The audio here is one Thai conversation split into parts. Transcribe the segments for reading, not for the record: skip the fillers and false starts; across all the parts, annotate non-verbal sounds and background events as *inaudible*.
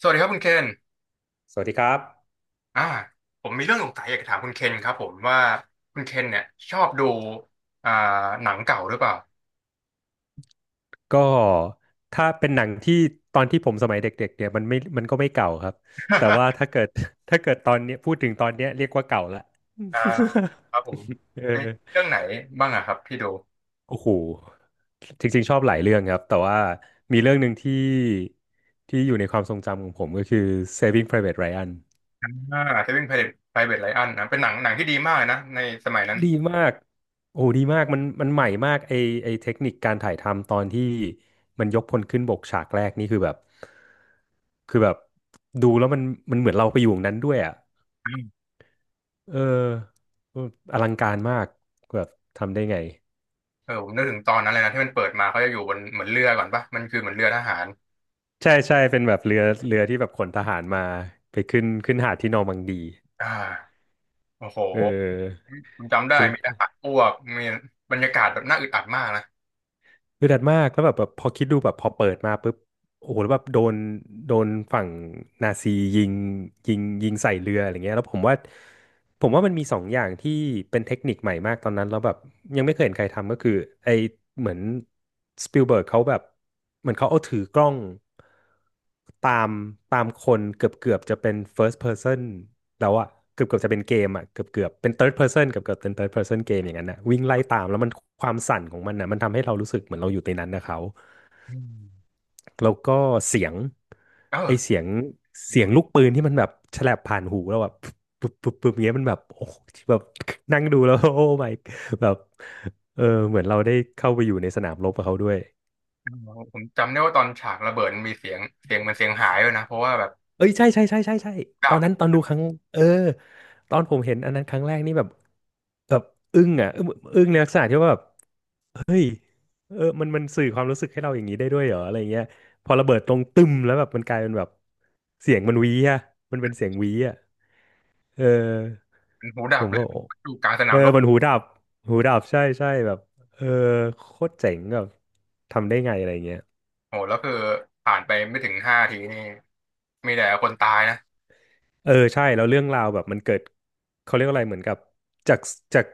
สวัสดีครับคุณเคนสวัสดีครับอ่าผมมีเรื่องสงสัยอยากจะถามคุณเคนครับผมว่าคุณเคนเนี่ยชอบดูอ่าหนังเก่าหรือเปล่าก็ถ้าเป็นหนังที่ตอนที่ผมสมัยเด็กๆเนี่ยมันก็ไม่เก่าครับแต่ว่าถ้าเกิด *laughs* ถ้าเกิดตอนเนี้ยพูดถึงตอนเนี้ยเรียกว่าเก่าละ อ่าครับผม *laughs* เออเอ๊ะเรื่องไหนบ้างอะครับที่ดูโอ้โหจริงๆชอบหลายเรื่องครับแต่ว่ามีเรื่องหนึ่งที่อยู่ในความทรงจำของผมก็คือ Saving Private Ryan อ่า Saving Private Ryan นะเป็นหนังที่ดีมากเลยนะในสมัยนั้นดีมาก โอ้ดีมากมันใหม่มากไอเทคนิคการถ่ายทำตอนที่มันยกพลขึ้นบกฉากแรกนี่คือแบบดูแล้วมันเหมือนเราไปอยู่ตรงนั้นด้วยอ่ะอืมเอออลังการมากแบบทำได้ไงเออผมนึกถึงตอนนั้นเลยนะที่มันเปิดมาเขาจะอยู่บนเหมือนเรือก่อนปะมันคือเหมือนเรือทหารใช่ใช่เป็นแบบเรือที่แบบขนทหารมาไปขึ้นหาดที่นอร์มังดีอ่าโอ้โหเออ ผมจำได้มีทหารอ้วกมีบรรยากาศแบบน่าอึดอัดมากนะเดือดมากแล้วแบบพอคิดดูแบบพอเปิดมาปุ๊บโอ้โหแล้วแบบโดนฝั่งนาซียิงยิงใส่เรืออะไรเงี้ยแล้วผมว่ามันมีสองอย่างที่เป็นเทคนิคใหม่มากตอนนั้นแล้วแบบยังไม่เคยเห็นใครทำก็คือไอเหมือนสปิลเบิร์กเขาแบบเหมือนเขาเอาถือกล้องตามตามคนเกือบจะเป็น first person แล้วอะเกือบจะเป็นเกมอะเกือบเป็น third person เกือบเป็น third person เกมอย่างนั้นนะวิ่งไล่ตามแล้วมันความสั่นของมันนะมันทำให้เรารู้สึกเหมือนเราอยู่ในนั้นนะเขา อืมแล้วก็เสียงเออ ไอเสียงลูกปืนที่มันแบบแฉลบผ่านหูแล้วแบบปุ๊บปุ๊บปุ๊บเงี้ยมันแบบโอ้โหแบบนั่งดูแล้ว *laughs* โอ้ my แบบเออเหมือนเราได้เข้าไปอยู่ในสนามรบกับเขาด้วยอ๋อผมจำได้ว่าตอนฉากระเบิดมันมีเสียงเสียงมันเสียงหายเลยนะเพราะว่าแบบเอ้ยใช่ใช่ใช่ใช่ใช่ตอนดับนั้นตอนดูครั้งเออตอนผมเห็นอันนั้นครั้งแรกนี่แบบแบบอึ้งอ่ะอึ้งในลักษณะที่ว่าแบบเออมันสื่อความรู้สึกให้เราอย่างนี้ได้ด้วยเหรออะไรเงี้ยพอระเบิดตรงตึมแล้วแบบมันกลายเป็นแบบเสียงมันหวีอ่ะมันเป็นเสียงหวีอ่ะเออ มันหูผดับมเลยว่าโอ้อยู่กลางสเอนามอรบมันหูดับหูดับใช่ใช่แบบเออโคตรเจ๋งแบบทำได้ไงอะไรเงี้ยโหแล้วคือผ่านไปไม่ถึงห้าทีนี่มีแต่คนตายนะเออใช่แล้วเรื่องราวแบบมันเกิดเขาเรียกอะไรเหมือนกับจากจาก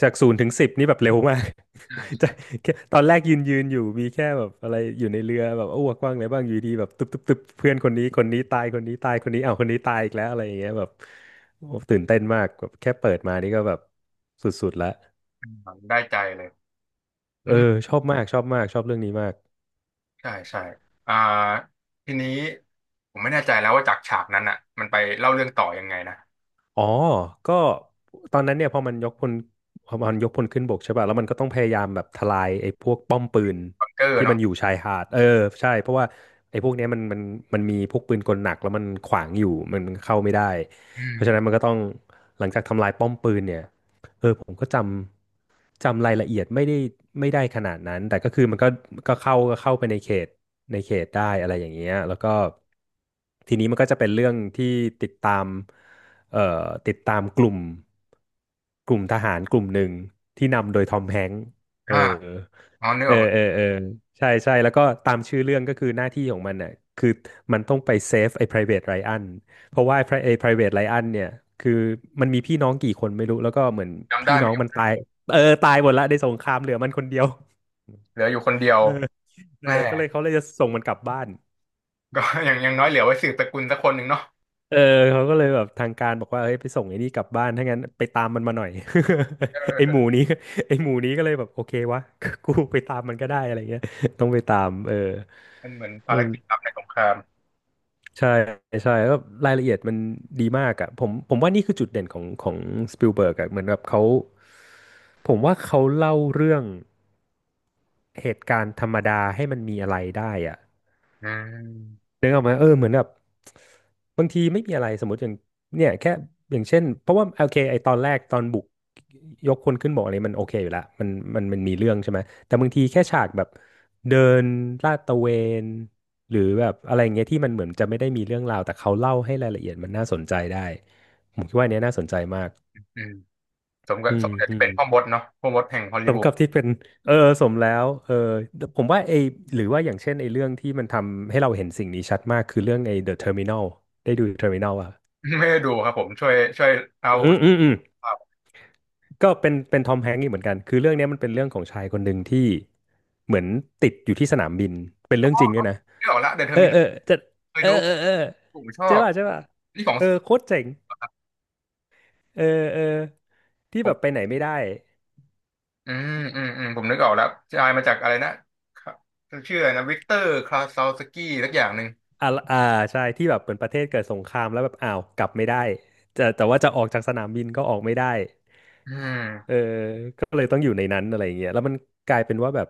จากศูนย์ถึงสิบนี่แบบเร็วมาก ใช่ *laughs* จาใช่กแค่ตอนแรกยืนอยู่มีแค่แบบอะไรอยู่ในเรือแบบอ้วกว่างอะไรบ้างอยู่ดีแบบตึ๊บตึ๊บตึ๊บเพื่อนคนนี้ตายคนนี้ตายคนนี้อ้าวคนนี้ตายอีกแล้วอะไรอย่างเงี้ยแบบโอ้ตื่นเต้นมากแบบแค่เปิดมานี่ก็แบบสุดๆแล้วอืมได้ใจเลยเออือมชอบมากชอบมากชอบเรื่องนี้มาก ใช่ใช่อ่าทีนี้ผมไม่แน่ใจแล้วว่าจากฉากนั้นอ่ะมันไปเล่าเรื่องต่อยังไงนะอ๋อก็ตอนนั้นเนี่ยพอมันยกพลขึ้นบกใช่ป่ะแล้วมันก็ต้องพยายามแบบทลายไอ้พวกป้อมปืนบังเกอร์ที่มัเนาะนอยู่ชายหาดเออใช่เพราะว่าไอ้พวกเนี้ยมันมีพวกปืนกลหนักแล้วมันขวางอยู่มันเข้าไม่ได้อืเพราะฉะนั้นมัมนก็ต้องหลังจากทำลายป้อมปืนเนี่ยเออผมก็จำรายละเอียดไม่ได้ไม่ได้ขนาดนั้นแต่ก็คือมันก็เข้าไปในเขตได้อะไรอย่างเงี้ยแล้วก็ทีนี้มันก็จะเป็นเรื่องที่ติดตาม เอ่อติดตามกลุ่มกลุ่มทหารกลุ่มหนึ่งที่นำโดยทอมแฮงค์เอออ่าอ๋อนึกเออออกเออเออใช่ใช่แล้วก็ตามชื่อเรื่องก็คือหน้าที่ของมันน่ะคือมันต้องไปเซฟไอ้ private Ryan เพราะว่าไอ้ private Ryan เนี่ยคือมันมีพี่น้องกี่คนไม่รู้แล้วก็เหมือนจำได้พี่ไหน้มองมันตายเออตายหมดละในสงครามเหลือมันคนเดียวเหลืออยู่คนเดียวเออเออแม่ก็เลยเขาเลยจะส่งมันกลับบ้าน ก็ *laughs* อย่างน้อยเหลือไว้สืบตระกูลสักคนหนึ่งเนาะเออเขาก็เลยแบบทางการบอกว่าเฮ้ยไปส่งไอ้นี่กลับบ้านถ้างั้นไปตามมันมาหน่อย เอ *laughs* อไอ้หมูนี้ไอ้หมูนี้ก็เลยแบบโอเควะ *laughs* กูไปตามมันก็ได้อะไรเงี้ยต้องไปตามเออมันเหมือนเอภาอรกิจลับในสงคราม ใช่ใช่แล้วรายละเอียดมันดีมากอะผมว่านี่คือจุดเด่นของของสปิลเบิร์กอะเหมือนแบบเขาผมว่าเขาเล่าเรื่องเหตุการณ์ธรรมดาให้มันมีอะไรได้อะ อืมนึกออกไหมเออเหมือนแบบบางทีไม่มีอะไรสมมติอย่างเนี่ยแค่อย่างเช่นเพราะว่าโอเคไอตอนแรกตอนบุกยกคนขึ้นบอกอะไรมันโอเคอยู่ละมันมีเรื่องใช่ไหมแต่บางทีแค่ฉากแบบเดินลาดตระเวนหรือแบบอะไรอย่างเงี้ยที่มันเหมือนจะไม่ได้มีเรื่องราวแต่เขาเล่าให้รายละเอียดมันน่าสนใจได้ผมคิดว่าอันเนี้ยน่าสนใจมากอืมสมกัอืบสมมกับอืที่ม เป็นพ่อมดเนาะพ่อมดแห่งฮอลสลีมวูด กับที่เป็นเออสมแล้วเออผมว่าไอหรือว่าอย่างเช่นไอเรื่องที่มันทำให้เราเห็นสิ่งนี้ชัดมากคือเรื่องไอ The Terminal ได้ดู Terminal อ่ะ *laughs* ไม่ได้ดูครับผมช่วยเอาอืมอืมอืมก็เป็นทอมแฮงก์อีกเหมือนกันคือเรื่องเนี้ยมันเป็นเรื่องของชายคนหนึ่งที่เหมือนติดอยู่ที่สนามบินเป็นเรื่องจริงด้วยนะไม่ออกละเดอะเทอเอร์อมินอเอลอจะเคยเออดูเออเออผมชอใช่บป่ะใช่ป่ะนี่ของเออโคตรเจ๋งครับเออเออที่ผแบบไปมไหนไม่ได้ อืมอืมอืมผมนึกออกแล้วชายมาจากอะไรนะครับชื่ออะไรนะวิกเตอร์คลาซาวสกี้สักอย่างหนึ่งอ่าอ่าใช่ที่แบบเหมือนประเทศเกิดสงครามแล้วแบบอ้าวกลับไม่ได้แต่ว่าจะออกจากสนามบินก็ออกไม่ได้อืเอม อก็เลยต้องอยู่ในนั้นอะไรอย่างเงี้ยแล้วมันกลายเป็นว่าแบบ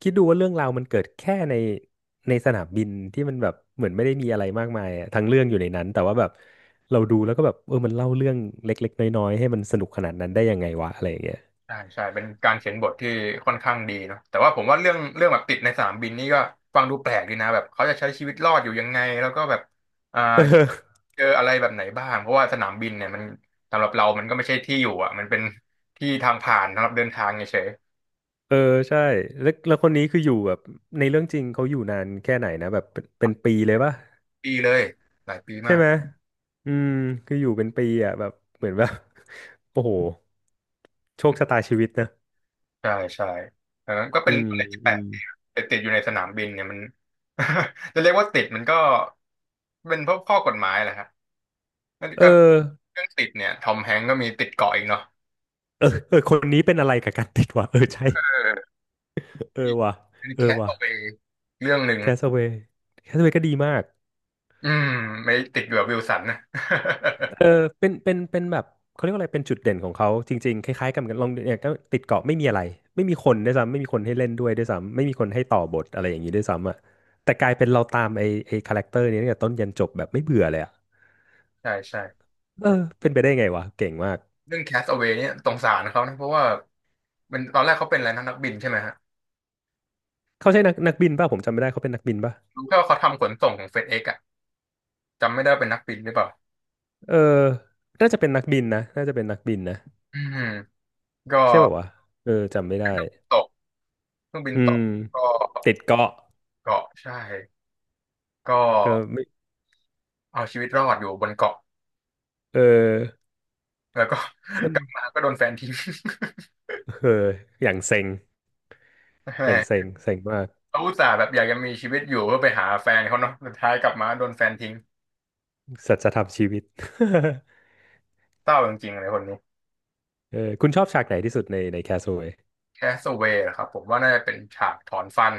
คิดดูว่าเรื่องราวมันเกิดแค่ในสนามบินที่มันแบบเหมือนไม่ได้มีอะไรมากมายอะทั้งเรื่องอยู่ในนั้นแต่ว่าแบบเราดูแล้วก็แบบเออมันเล่าเรื่องเล็กๆน้อยๆให้มันสนุกขนาดนั้นได้ยังไงวะอะไรอย่างเงี้ย ใช่ใช่เป็นการเขียนบทที่ค่อนข้างดีเนาะแต่ว่าผมว่าเรื่องแบบติดในสนามบินนี่ก็ฟังดูแปลกดีนะแบบเขาจะใช้ชีวิตรอดอยู่ยังไงแล้วก็แบบอ่า *laughs* เออเจออะไรแบบไหนบ้างเพราะว่าสนามบินเนี่ยมันสำหรับเรามันก็ไม่ใช่ที่อยู่อ่ะมันเป็นที่ทางผ่านสำหรับเดินทางเฉยเออใช่แล้วแล้วคนนี้คืออยู่แบบในเรื่องจริงเขาอยู่นานแค่ไหนนะแบบเป็นปีเลยป่ะ ๆปีเลยหลายปีใช่มากไหมอืมคืออยู่เป็นปีอ่ะแบบเหมือนแบบ *laughs* โอ้โหโชคชะตาชีวิตนะใช่ใช่เออก็เป็อืนมอะไรที่แปอืลกมดีนะแต่ติดอยู่ในสนามบินเนี่ยมัน *laughs* จะเรียกว่าติดมันก็เป็นเพราะข้อกฎหมายแหละฮะนั่นเอก็อเรื่องติดเนี่ยทอมแฮงก์ก็มีติดเกาะอีกเนาะ เออเออคนนี้เป็นอะไรกับการติดวะเออใช่เออว่ะเป็นเอแคอทว่ะเอาไปเรื่องหนึ่งแคสเวย์แคสเวย์ก็ดีมากอืมไม่ติดอยู่กับวิลสันนะ เออเป็นแบบเขาเรียกว่าอะไรเป็นจุดเด่นของเขาจริงๆคล้ายๆกันเหมือนกันลองเนี่ยก็ติดเกาะไม่มีอะไรไม่มีคนด้วยซ้ำไม่มีคนให้เล่นด้วยด้วยซ้ำไม่มีคนให้ต่อบทอะไรอย่างนี้ด้วยซ้ำอ่ะแต่กลายเป็นเราตามไอ้คาแรคเตอร์นี้ตั้งแต่ต้นยันจบแบบไม่เบื่อเลยอ่ะ *laughs* ใช่ใช่เออเป็นไปได้ไงวะเก่งมากเรื่องแคส t อ w a ว y เนี่ยสงสารเขานะเพราะว่าเป็นตอนแรกเขาเป็นอะไรนะนักบินใช่ไหมฮะเขาใช่นักบินป่ะผมจำไม่ได้เขาเป็นนักบินป่ะรู้แค่ว่าเขาทำขนส่งของเฟดเอ็กอะจำไม่ได้ว่าเป็นนักบินหรือเปล่าเออน่าจะเป็นนักบินนะน่าจะเป็นนักบินนะอืมก็ใช่ป่าววะเออจำไม่ได้ตกเครื่องบินอืตมกก็ติดเกาะเกาะใช่ก็ก็ไม่เอาชีวิตรอดอยู่บนเกาะเออแล้วก็ ส้ *laughs* นกลับมาก็โดนแฟนทิ้ง เอออย่างเซ็ง *laughs* แหอย่างเซ็มงเซ็งมากเขาอุตส่าห์แบบอยากจะมีชีวิตอยู่เพื่อไปหาแฟนเขาเนาะสุดท้ายกลับมาโดนแฟนทิ้งสัจธรรมชีวิต *laughs* เศร้าจริงๆเลยคนนี้ เออคุณชอบฉากไหนที่สุดในในแคสโ a เว y แคสเวย์ครับผมว่าน่าจะเป็นฉากถอนฟัน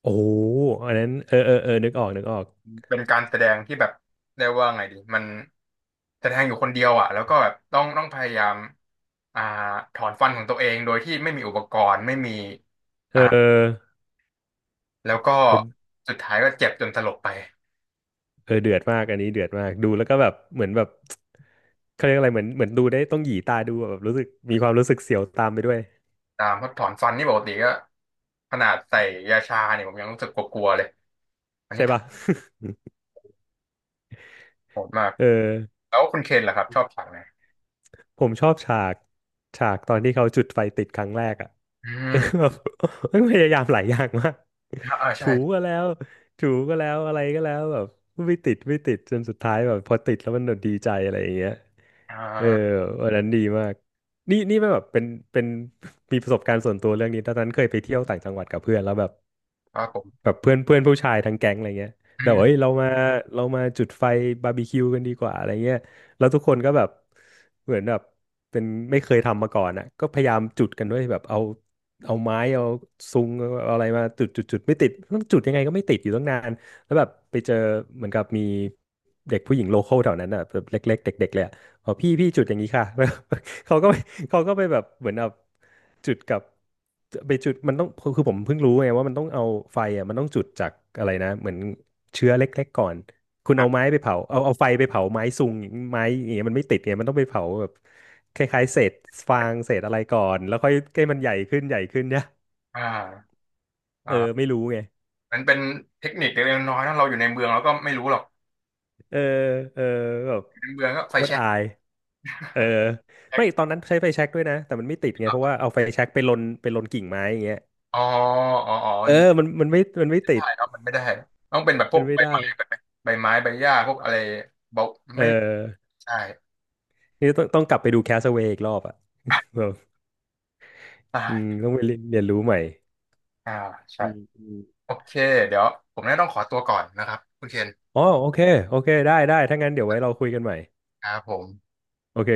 โอ้โหอันนั้นเออเออเออนึกออกนึกออกเป็นการแสดงที่แบบเรียกว่าไงดีมันแสดงอยู่คนเดียวอ่ะแล้วก็แบบต้องพยายามอ่าถอนฟันของตัวเองโดยที่ไม่มีอุปกรณ์ไม่มีเอ่าออแล้วก็เออ สุดท้ายก็เจ็บจนสลบไปเออเดือดมากอันนี้เดือดมากดูแล้วก็แบบเหมือนแบบเขาเรียกอะไรเหมือนเหมือนดูได้ต้องหยีตาดูอะแบบรู้สึกมีความรู้สึกเสียวตามไปด้วยตามเพราะถอนฟันนี่ปกติก็ขนาดใส่ยาชาเนี่ยผมยังรู้สึกกลัวๆเลยใช่ปะ โหด *laughs* มากเออแล้วคุณเคนล่ะครับชอบฉากไหนผมชอบฉากตอนที่เขาจุดไฟติดครั้งแรกอ่ะ อื *laughs* เออมแบบพยายามหลายอย่างมากอ่าใช่ถูก็แล้วถูก็แล้วอะไรก็แล้วแบบไม่ติดไม่ติดจนสุดท้ายแบบพอติดแล้วมันดีใจอะไรอย่างเงี้ย อ่เออาวันนั้นดีมากนี่ไม่แบบเป็นมีประสบการณ์ส่วนตัวเรื่องนี้ตอนนั้นเคยไปเที่ยวต่างจังหวัดกับเพื่อนแล้วแบบครับผมแบบเพื่อนเพื่อนผู้ชายทั้งแก๊งอะไรเงี้ยอืแล้วบอเ้ยมเรามาจุดไฟบาร์บีคิวกันดีกว่าอะไรเงี้ยแล้วทุกคนก็แบบเหมือนแบบเป็นไม่เคยทำมาก่อนอ่ะก็พยายามจุดกันด้วยแบบเอาเอาไม้เอาซุงเอาอะไรมาจุดไม่ติดต้องจุดยังไงก็ไม่ติดอยู่ตั้งนานแล้วแบบไปเจอเหมือนกับมีเด็กผู้หญิงโลคอลแถวนั้นอ่ะแบบเล็กๆเด็กๆเลยอะ อ๋อพี่พี่จุดอย่างนี้ค่ะ *laughs* เขาก็ไปเขาก็ไปแบบเหมือนแบบจุดกับไปจุดมันต้องคือผมเพิ่งรู้ไงว่ามันต้องเอาไฟอ่ะมันต้องจุดจากอะไรนะเหมือนเชื้อเล็กๆก่อนคุณเอาไม้ไปเผาเอาไฟไปเผาไม้ซุงงไม้อย่างเงี้ยมันไม่ติดไงมันต้องไปเผาแบบคล้ายๆเศษฟางเศษอะไรก่อนแล้วค่อยให้มันใหญ่ขึ้นใหญ่ขึ้นเนี่ยอ่าเอออ่า ไม่รู้ไง มันเป็นเทคนิคเล็กๆน้อยๆนะเราอยู่ในเมืองเราก็ไม่รู้หรอกเออเออแบบอยู่ในเมืองก็โคไฟตรแช็กอายเออแช็ไม่กตอนนั้นใช้ไฟแช็กด้วยนะแต่มันไม่ติดไงเพราะว่าเอาไฟแช็กไปลนกิ่งไม้อย่างเงี้ยอ๋ออ๋ออ๋อมัเอนอไม่มันไม่ติได้ดครับมันไม่ได้ต้องเป็นแบบพมัวนกไม่ใบได้ไม้ใบไม้ใบหญ้าพวกอะไรเบาเออไม่ใช่ นี่ต้องกลับไปดูแคสเวย์อีกรอบอ่ะแบ *laughs* บอืมอ่าต้องไปเรียนรู้ใหม่อ่าใช่อืมอมโอเคเดี๋ยวผมน่าต้องขอตัวก่อนนะครับคุณเคนอ๋อโอเคโอเคได้ถ้างั้นเดี๋ยวไว้เราคุยกันใหม่ครับผมโอเค